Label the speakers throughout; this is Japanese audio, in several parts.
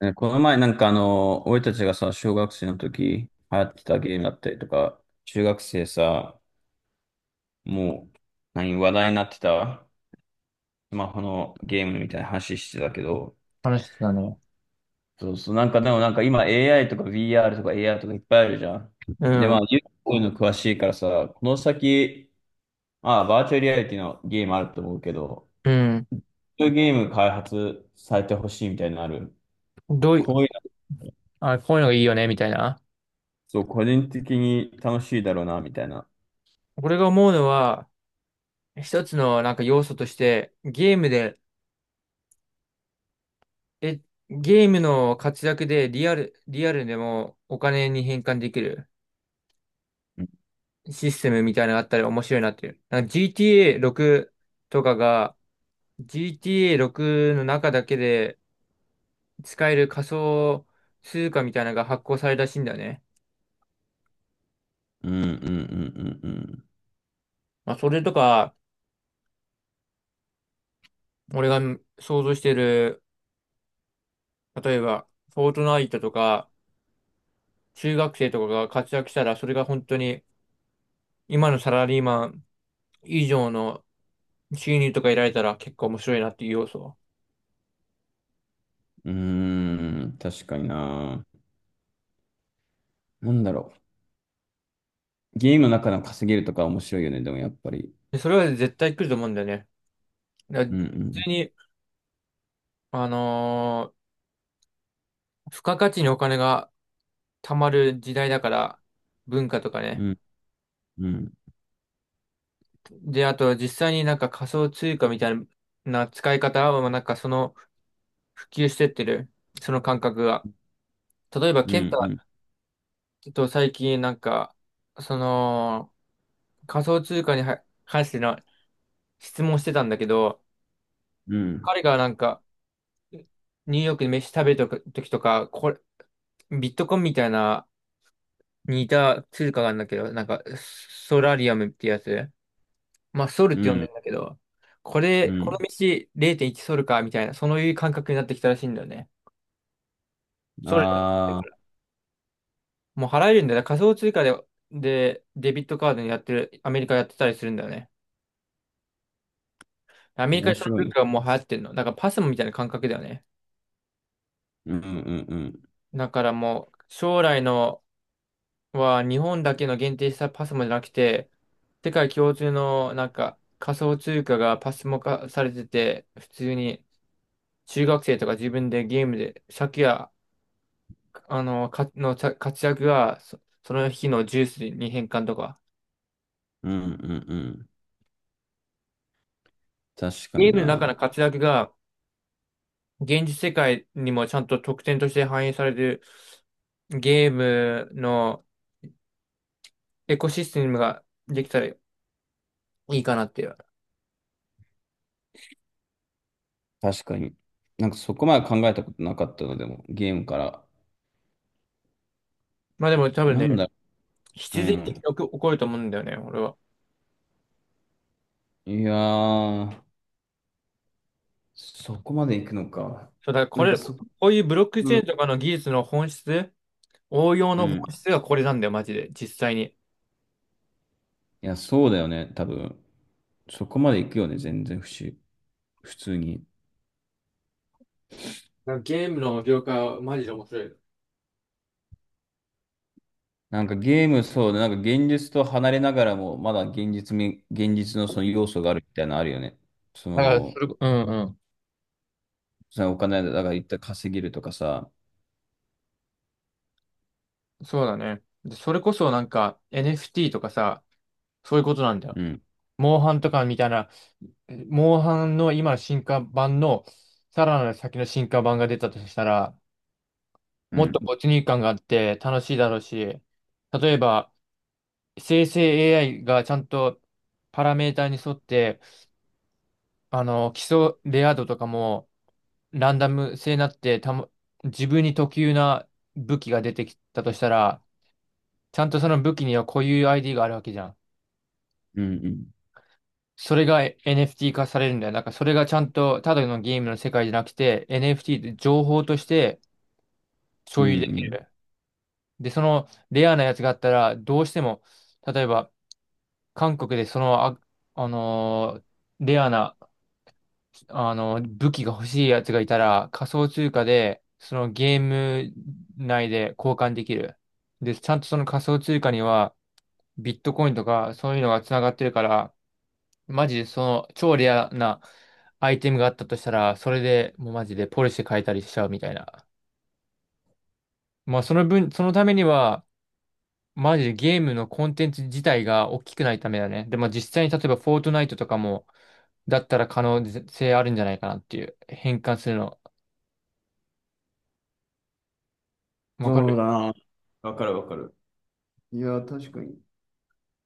Speaker 1: ねこの前俺たちがさ、小学生の時流行ってたゲームだったりとか、中学生さ、もう、何、話題になってた、スマホのゲームみたいな話してたけど、
Speaker 2: 話してたね。
Speaker 1: そうそう、なんかでもなんか今 AI とか VR とか AR とかいっぱいあるじゃん。
Speaker 2: う
Speaker 1: で、まあ、
Speaker 2: ん。
Speaker 1: ゆうこういうの詳しいからさ、この先、ああ、バーチャルリアリティのゲームあると思うけど、
Speaker 2: うん。
Speaker 1: そういうゲーム開発されてほしいみたいなのある。
Speaker 2: どういう、
Speaker 1: こういうの
Speaker 2: あ、こういうのがいいよね、みたいな。
Speaker 1: そう、個人的に楽しいだろうな、みたいな。
Speaker 2: 俺が思うのは、一つのなんか要素として、ゲームで、え、ゲームの活躍でリアルでもお金に変換できる
Speaker 1: うん
Speaker 2: システムみたいなのがあったら面白いなっていう。なんか GTA6 とかが、GTA6 の中だけで使える仮想通貨みたいなのが発行されたらしいんだよね。
Speaker 1: うんうん、うん
Speaker 2: まあ、それとか、俺が想像してる例えば、フォートナイトとか、中学生とかが活躍したら、それが本当に、今のサラリーマン以上の収入とか得られたら結構面白いなっていう要素。
Speaker 1: うん。うーん、確かにな。なんだろゲームの中の稼げるとか面白いよね、でもやっぱり。
Speaker 2: で、それは絶対来ると思うんだよね。だから
Speaker 1: うんう
Speaker 2: 普
Speaker 1: ん
Speaker 2: 通に、あのー付加価値にお金が貯まる時代だから、文化とか
Speaker 1: う
Speaker 2: ね。
Speaker 1: ん、うん
Speaker 2: で、あと実際になんか仮想通貨みたいな使い方は、なんかその普及してってる、その感覚が。例えば、
Speaker 1: う
Speaker 2: ケンタ
Speaker 1: ん
Speaker 2: と最近なんか、その、仮想通貨には関しての質問してたんだけど、
Speaker 1: うん、うん
Speaker 2: 彼がなんか、ニューヨークで飯食べた時とか、これ、ビットコインみたいな似た通貨があるんだけど、なんか、ソラリアムってやつ。まあ、ソルっ
Speaker 1: う
Speaker 2: て呼んで
Speaker 1: ん
Speaker 2: んだけど、これ、
Speaker 1: う
Speaker 2: この
Speaker 1: ん。
Speaker 2: 道0.1ソルか、みたいな、そういう感覚になってきたらしいんだよね。ソル、
Speaker 1: ああ
Speaker 2: もう払えるんだよね。仮想通貨で、デビットカードにやってる、アメリカやってたりするんだよね。アメ
Speaker 1: ー、
Speaker 2: リカ
Speaker 1: 面
Speaker 2: でその
Speaker 1: 白い
Speaker 2: 文
Speaker 1: ね。
Speaker 2: 化がもう流行ってるの。だからパスモみたいな感覚だよね。
Speaker 1: うんうんうん。
Speaker 2: だからもう、将来のは日本だけの限定したパスモじゃなくて、世界共通のなんか仮想通貨がパスモ化されてて、普通に中学生とか自分でゲームで、借や、か、のちゃ活躍がその日のジュースに変換とか、
Speaker 1: うんうんうん。確か
Speaker 2: ゲー
Speaker 1: に
Speaker 2: ムの中
Speaker 1: な。
Speaker 2: の活躍が現実世界にもちゃんと特典として反映されるゲームのエコシステムができたらいいかなっていう。
Speaker 1: 確かに。なんかそこまで考えたことなかったのでも、ゲームから。
Speaker 2: まあでも多分
Speaker 1: なん
Speaker 2: ね、
Speaker 1: だろう
Speaker 2: 必然的に
Speaker 1: ん。
Speaker 2: 起こると思うんだよね、俺は。
Speaker 1: いやー、そこまで行くのか。
Speaker 2: そうだからこ
Speaker 1: なんか
Speaker 2: れ、こ
Speaker 1: そこ、
Speaker 2: ういうブロックチ
Speaker 1: う
Speaker 2: ェー
Speaker 1: ん。
Speaker 2: ンとかの技術の本質、応用
Speaker 1: う
Speaker 2: の本
Speaker 1: ん、
Speaker 2: 質がこれなんだよ、マジで、実際に。
Speaker 1: いや、そうだよね、多分。そこまで行くよね、全然不思、普通に。
Speaker 2: なんかゲームの業界はマジで面白い。
Speaker 1: なんかゲーム、そうだ、なんか現実と離れながらも、まだ現実み、現実のその要素があるみたいなのあるよね。そ
Speaker 2: だからそ
Speaker 1: の、
Speaker 2: れこ、うんう
Speaker 1: そのお金だから一旦稼げるとかさ。
Speaker 2: ん。そうだね。でそれこそなんか NFT とかさ、そういうことなんだよ。
Speaker 1: うん
Speaker 2: モンハンとかみたいな、モンハンの今の進化版の、さらなる先の進化版が出たとしたら、
Speaker 1: う
Speaker 2: もっと
Speaker 1: ん。
Speaker 2: 没入感があって楽しいだろうし、例えば、生成 AI がちゃんとパラメーターに沿って、基礎レア度とかもランダム性になってたも、自分に特有な武器が出てきたとしたら、ちゃんとその武器には固有 ID があるわけじゃん。
Speaker 1: うん。うん。
Speaker 2: それが NFT 化されるんだよ。なんかそれがちゃんとただのゲームの世界じゃなくて NFT って情報として
Speaker 1: うん。
Speaker 2: 所有
Speaker 1: う
Speaker 2: でき
Speaker 1: ん、
Speaker 2: る。で、そのレアなやつがあったらどうしても、例えば韓国でその、あのーレアな武器が欲しいやつがいたら、仮想通貨で、そのゲーム内で交換できる。で、ちゃんとその仮想通貨には、ビットコインとか、そういうのが繋がってるから、マジでその、超レアなアイテムがあったとしたら、それでもうマジでポリシェ変えたりしちゃうみたいな。まあ、その分、そのためには、マジでゲームのコンテンツ自体が大きくないためだね。でも実際に例えばフォートナイトとかも、だったら可能性あるんじゃないかなっていう。変換するの。わか
Speaker 1: そう
Speaker 2: る。
Speaker 1: だな。わかるわかる。いや、確かに。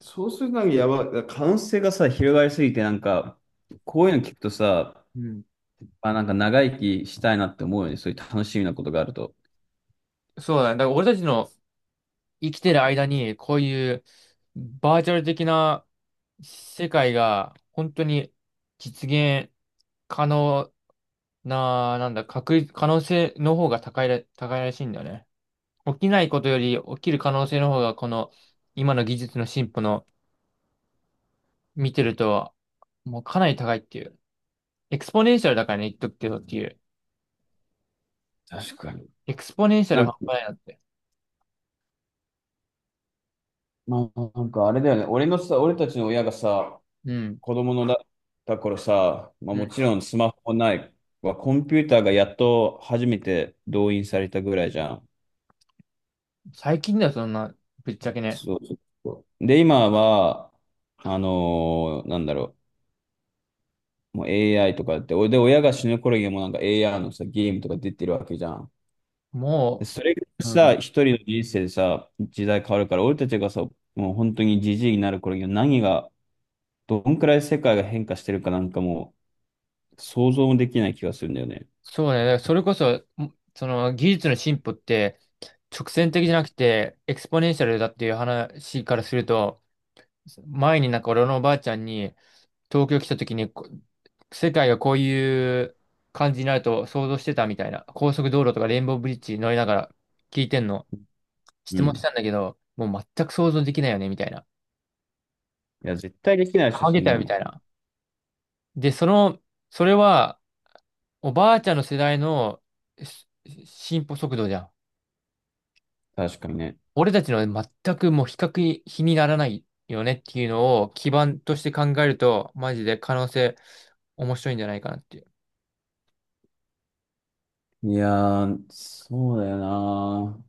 Speaker 1: そうする限りやばい。可能性がさ、広がりすぎて、なんか、こういうの聞くとさ、
Speaker 2: うん。
Speaker 1: あ、なんか長生きしたいなって思うよね。そういう楽しみなことがあると。
Speaker 2: そうだね。だから俺たちの生きてる間に、こういうバーチャル的な世界が本当に実現可能な、なんだ、確率、可能性の方が高いらしいんだよね。起きないことより起きる可能性の方が、この今の技術の進歩の見てると、もうかなり高いっていう。エクスポネンシャルだからね、言っとくけどっていう。
Speaker 1: 確かに。
Speaker 2: エクスポネンシャル
Speaker 1: なん
Speaker 2: 半
Speaker 1: か、
Speaker 2: 端ないなって。
Speaker 1: まあ、なんかあれだよね。俺のさ、俺たちの親がさ、
Speaker 2: うん。
Speaker 1: 子供のだ、った頃さ、まあ
Speaker 2: う
Speaker 1: も
Speaker 2: ん。
Speaker 1: ちろんスマホないはコンピューターがやっと初めて動員されたぐらいじゃん。
Speaker 2: 最近だよ、そんな、ぶっちゃけね。
Speaker 1: そうそうそう。で、今は、なんだろう、もう AI とかって、おで、親が死ぬ頃にはもうなんか AI のさ、ゲームとか出てるわけじゃん。で、
Speaker 2: も
Speaker 1: それが
Speaker 2: う、う
Speaker 1: さ、
Speaker 2: ん、
Speaker 1: 一人の人生でさ、時代変わるから、俺たちがさ、もう本当にじじいになる頃には何が、どんくらい世界が変化してるかなんかもう、想像もできない気がするんだよね。
Speaker 2: そうね。だからそれこそ、その技術の進歩って直線的じゃなくてエクスポネンシャルだっていう話からすると、前になんか俺のおばあちゃんに東京来た時にこ世界がこういう感じになると想像してたみたいな、高速道路とかレインボーブリッジ乗りながら聞いてんの
Speaker 1: う
Speaker 2: 質問し
Speaker 1: ん。
Speaker 2: たんだけど、もう全く想像できないよねみたいな。
Speaker 1: いや、絶対できないでしょ、
Speaker 2: あ
Speaker 1: そ
Speaker 2: げ
Speaker 1: ん
Speaker 2: たよ
Speaker 1: な
Speaker 2: みた
Speaker 1: の。
Speaker 2: いな。で、その、それはおばあちゃんの世代のし進歩速度じゃん。
Speaker 1: 確かにね。
Speaker 2: 俺たちの全くもう比較に比にならないよねっていうのを基盤として考えると、マジで可能性面白いんじゃないかなっていう。
Speaker 1: いやー、そうだよな。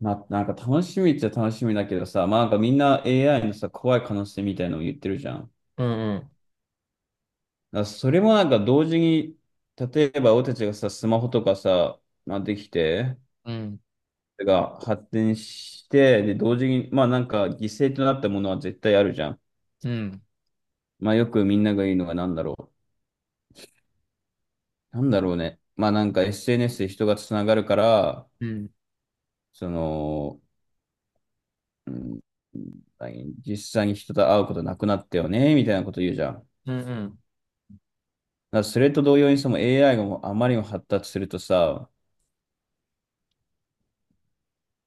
Speaker 1: まあ、なんか楽しみっちゃ楽しみだけどさ、まあなんかみんな AI のさ、怖い可能性みたいなのを言ってるじゃん。だか
Speaker 2: うんうん。
Speaker 1: らそれもなんか同時に、例えば俺たちがさ、スマホとかさ、まあできて、
Speaker 2: うん、
Speaker 1: が発展して、で、同時に、まあなんか犠牲となったものは絶対あるじゃん。
Speaker 2: うん、
Speaker 1: まあよくみんなが言うのがなんだろう。なんだろうね。まあなんか SNS で人がつながるから、
Speaker 2: うん、
Speaker 1: その、うん、実際に人と会うことなくなったよね、みたいなこと言うじゃん。
Speaker 2: うんうん。
Speaker 1: だからそれと同様にその AI がもうあまりにも発達するとさ、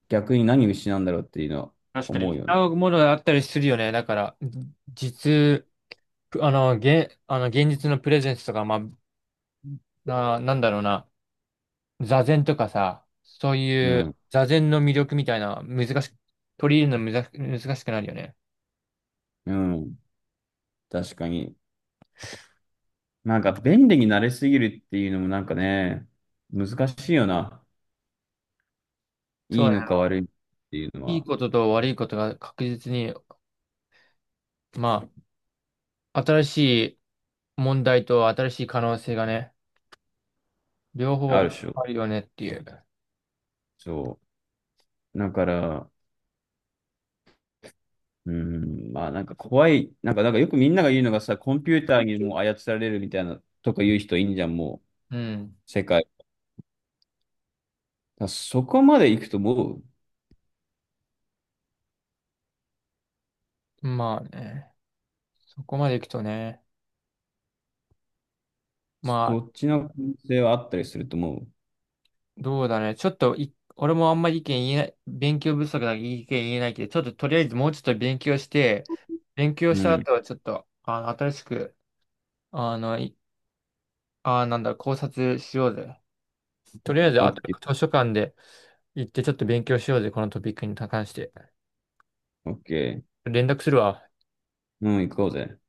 Speaker 1: 逆に何を失うんだろうっていうのは
Speaker 2: 確か
Speaker 1: 思う
Speaker 2: に。
Speaker 1: よね。
Speaker 2: 合うものがあったりするよね。だから、じ実、現実のプレゼンスとか、まあ、なんだろうな。座禅とかさ、そう
Speaker 1: う
Speaker 2: いう
Speaker 1: ん。
Speaker 2: 座禅の魅力みたいな、難しく、取り入れるの難しくなるよね。
Speaker 1: うん。確かに。なんか便利になれすぎるっていうのもなんかね、難しいよな。
Speaker 2: そ
Speaker 1: い
Speaker 2: う
Speaker 1: い
Speaker 2: だ
Speaker 1: のか
Speaker 2: ね。
Speaker 1: 悪いっていうの
Speaker 2: いい
Speaker 1: は
Speaker 2: ことと悪いことが確実に、まあ、新しい問題と新しい可能性がね、両
Speaker 1: ある
Speaker 2: 方
Speaker 1: でしょ。
Speaker 2: あるよねっていう。
Speaker 1: そう。だから、うん、まあなんか怖い。なんか、なんかよくみんなが言うのがさ、コンピューターにもう操られるみたいなとか言う人いんじゃん、も
Speaker 2: うん。
Speaker 1: う、世界。だからそこまで行くともう、
Speaker 2: まあね、そこまでいくとね、まあ、
Speaker 1: そっちの可能性はあったりすると思う。
Speaker 2: どうだね。ちょっとい、俺もあんまり意見言えない、勉強不足だから意見言えないけど、ちょっととりあえずもうちょっと勉強して、勉強し
Speaker 1: う
Speaker 2: た
Speaker 1: ん。
Speaker 2: 後はちょっと、新しく、あの、ああ、なんだ、考察しようぜ。とりあえず、
Speaker 1: オ
Speaker 2: あ
Speaker 1: ッ
Speaker 2: と
Speaker 1: ケー、
Speaker 2: 図書館で行ってちょっと勉強しようぜ、このトピックに関して。
Speaker 1: オッケー。
Speaker 2: 連絡するわ。
Speaker 1: うん、行こうぜ。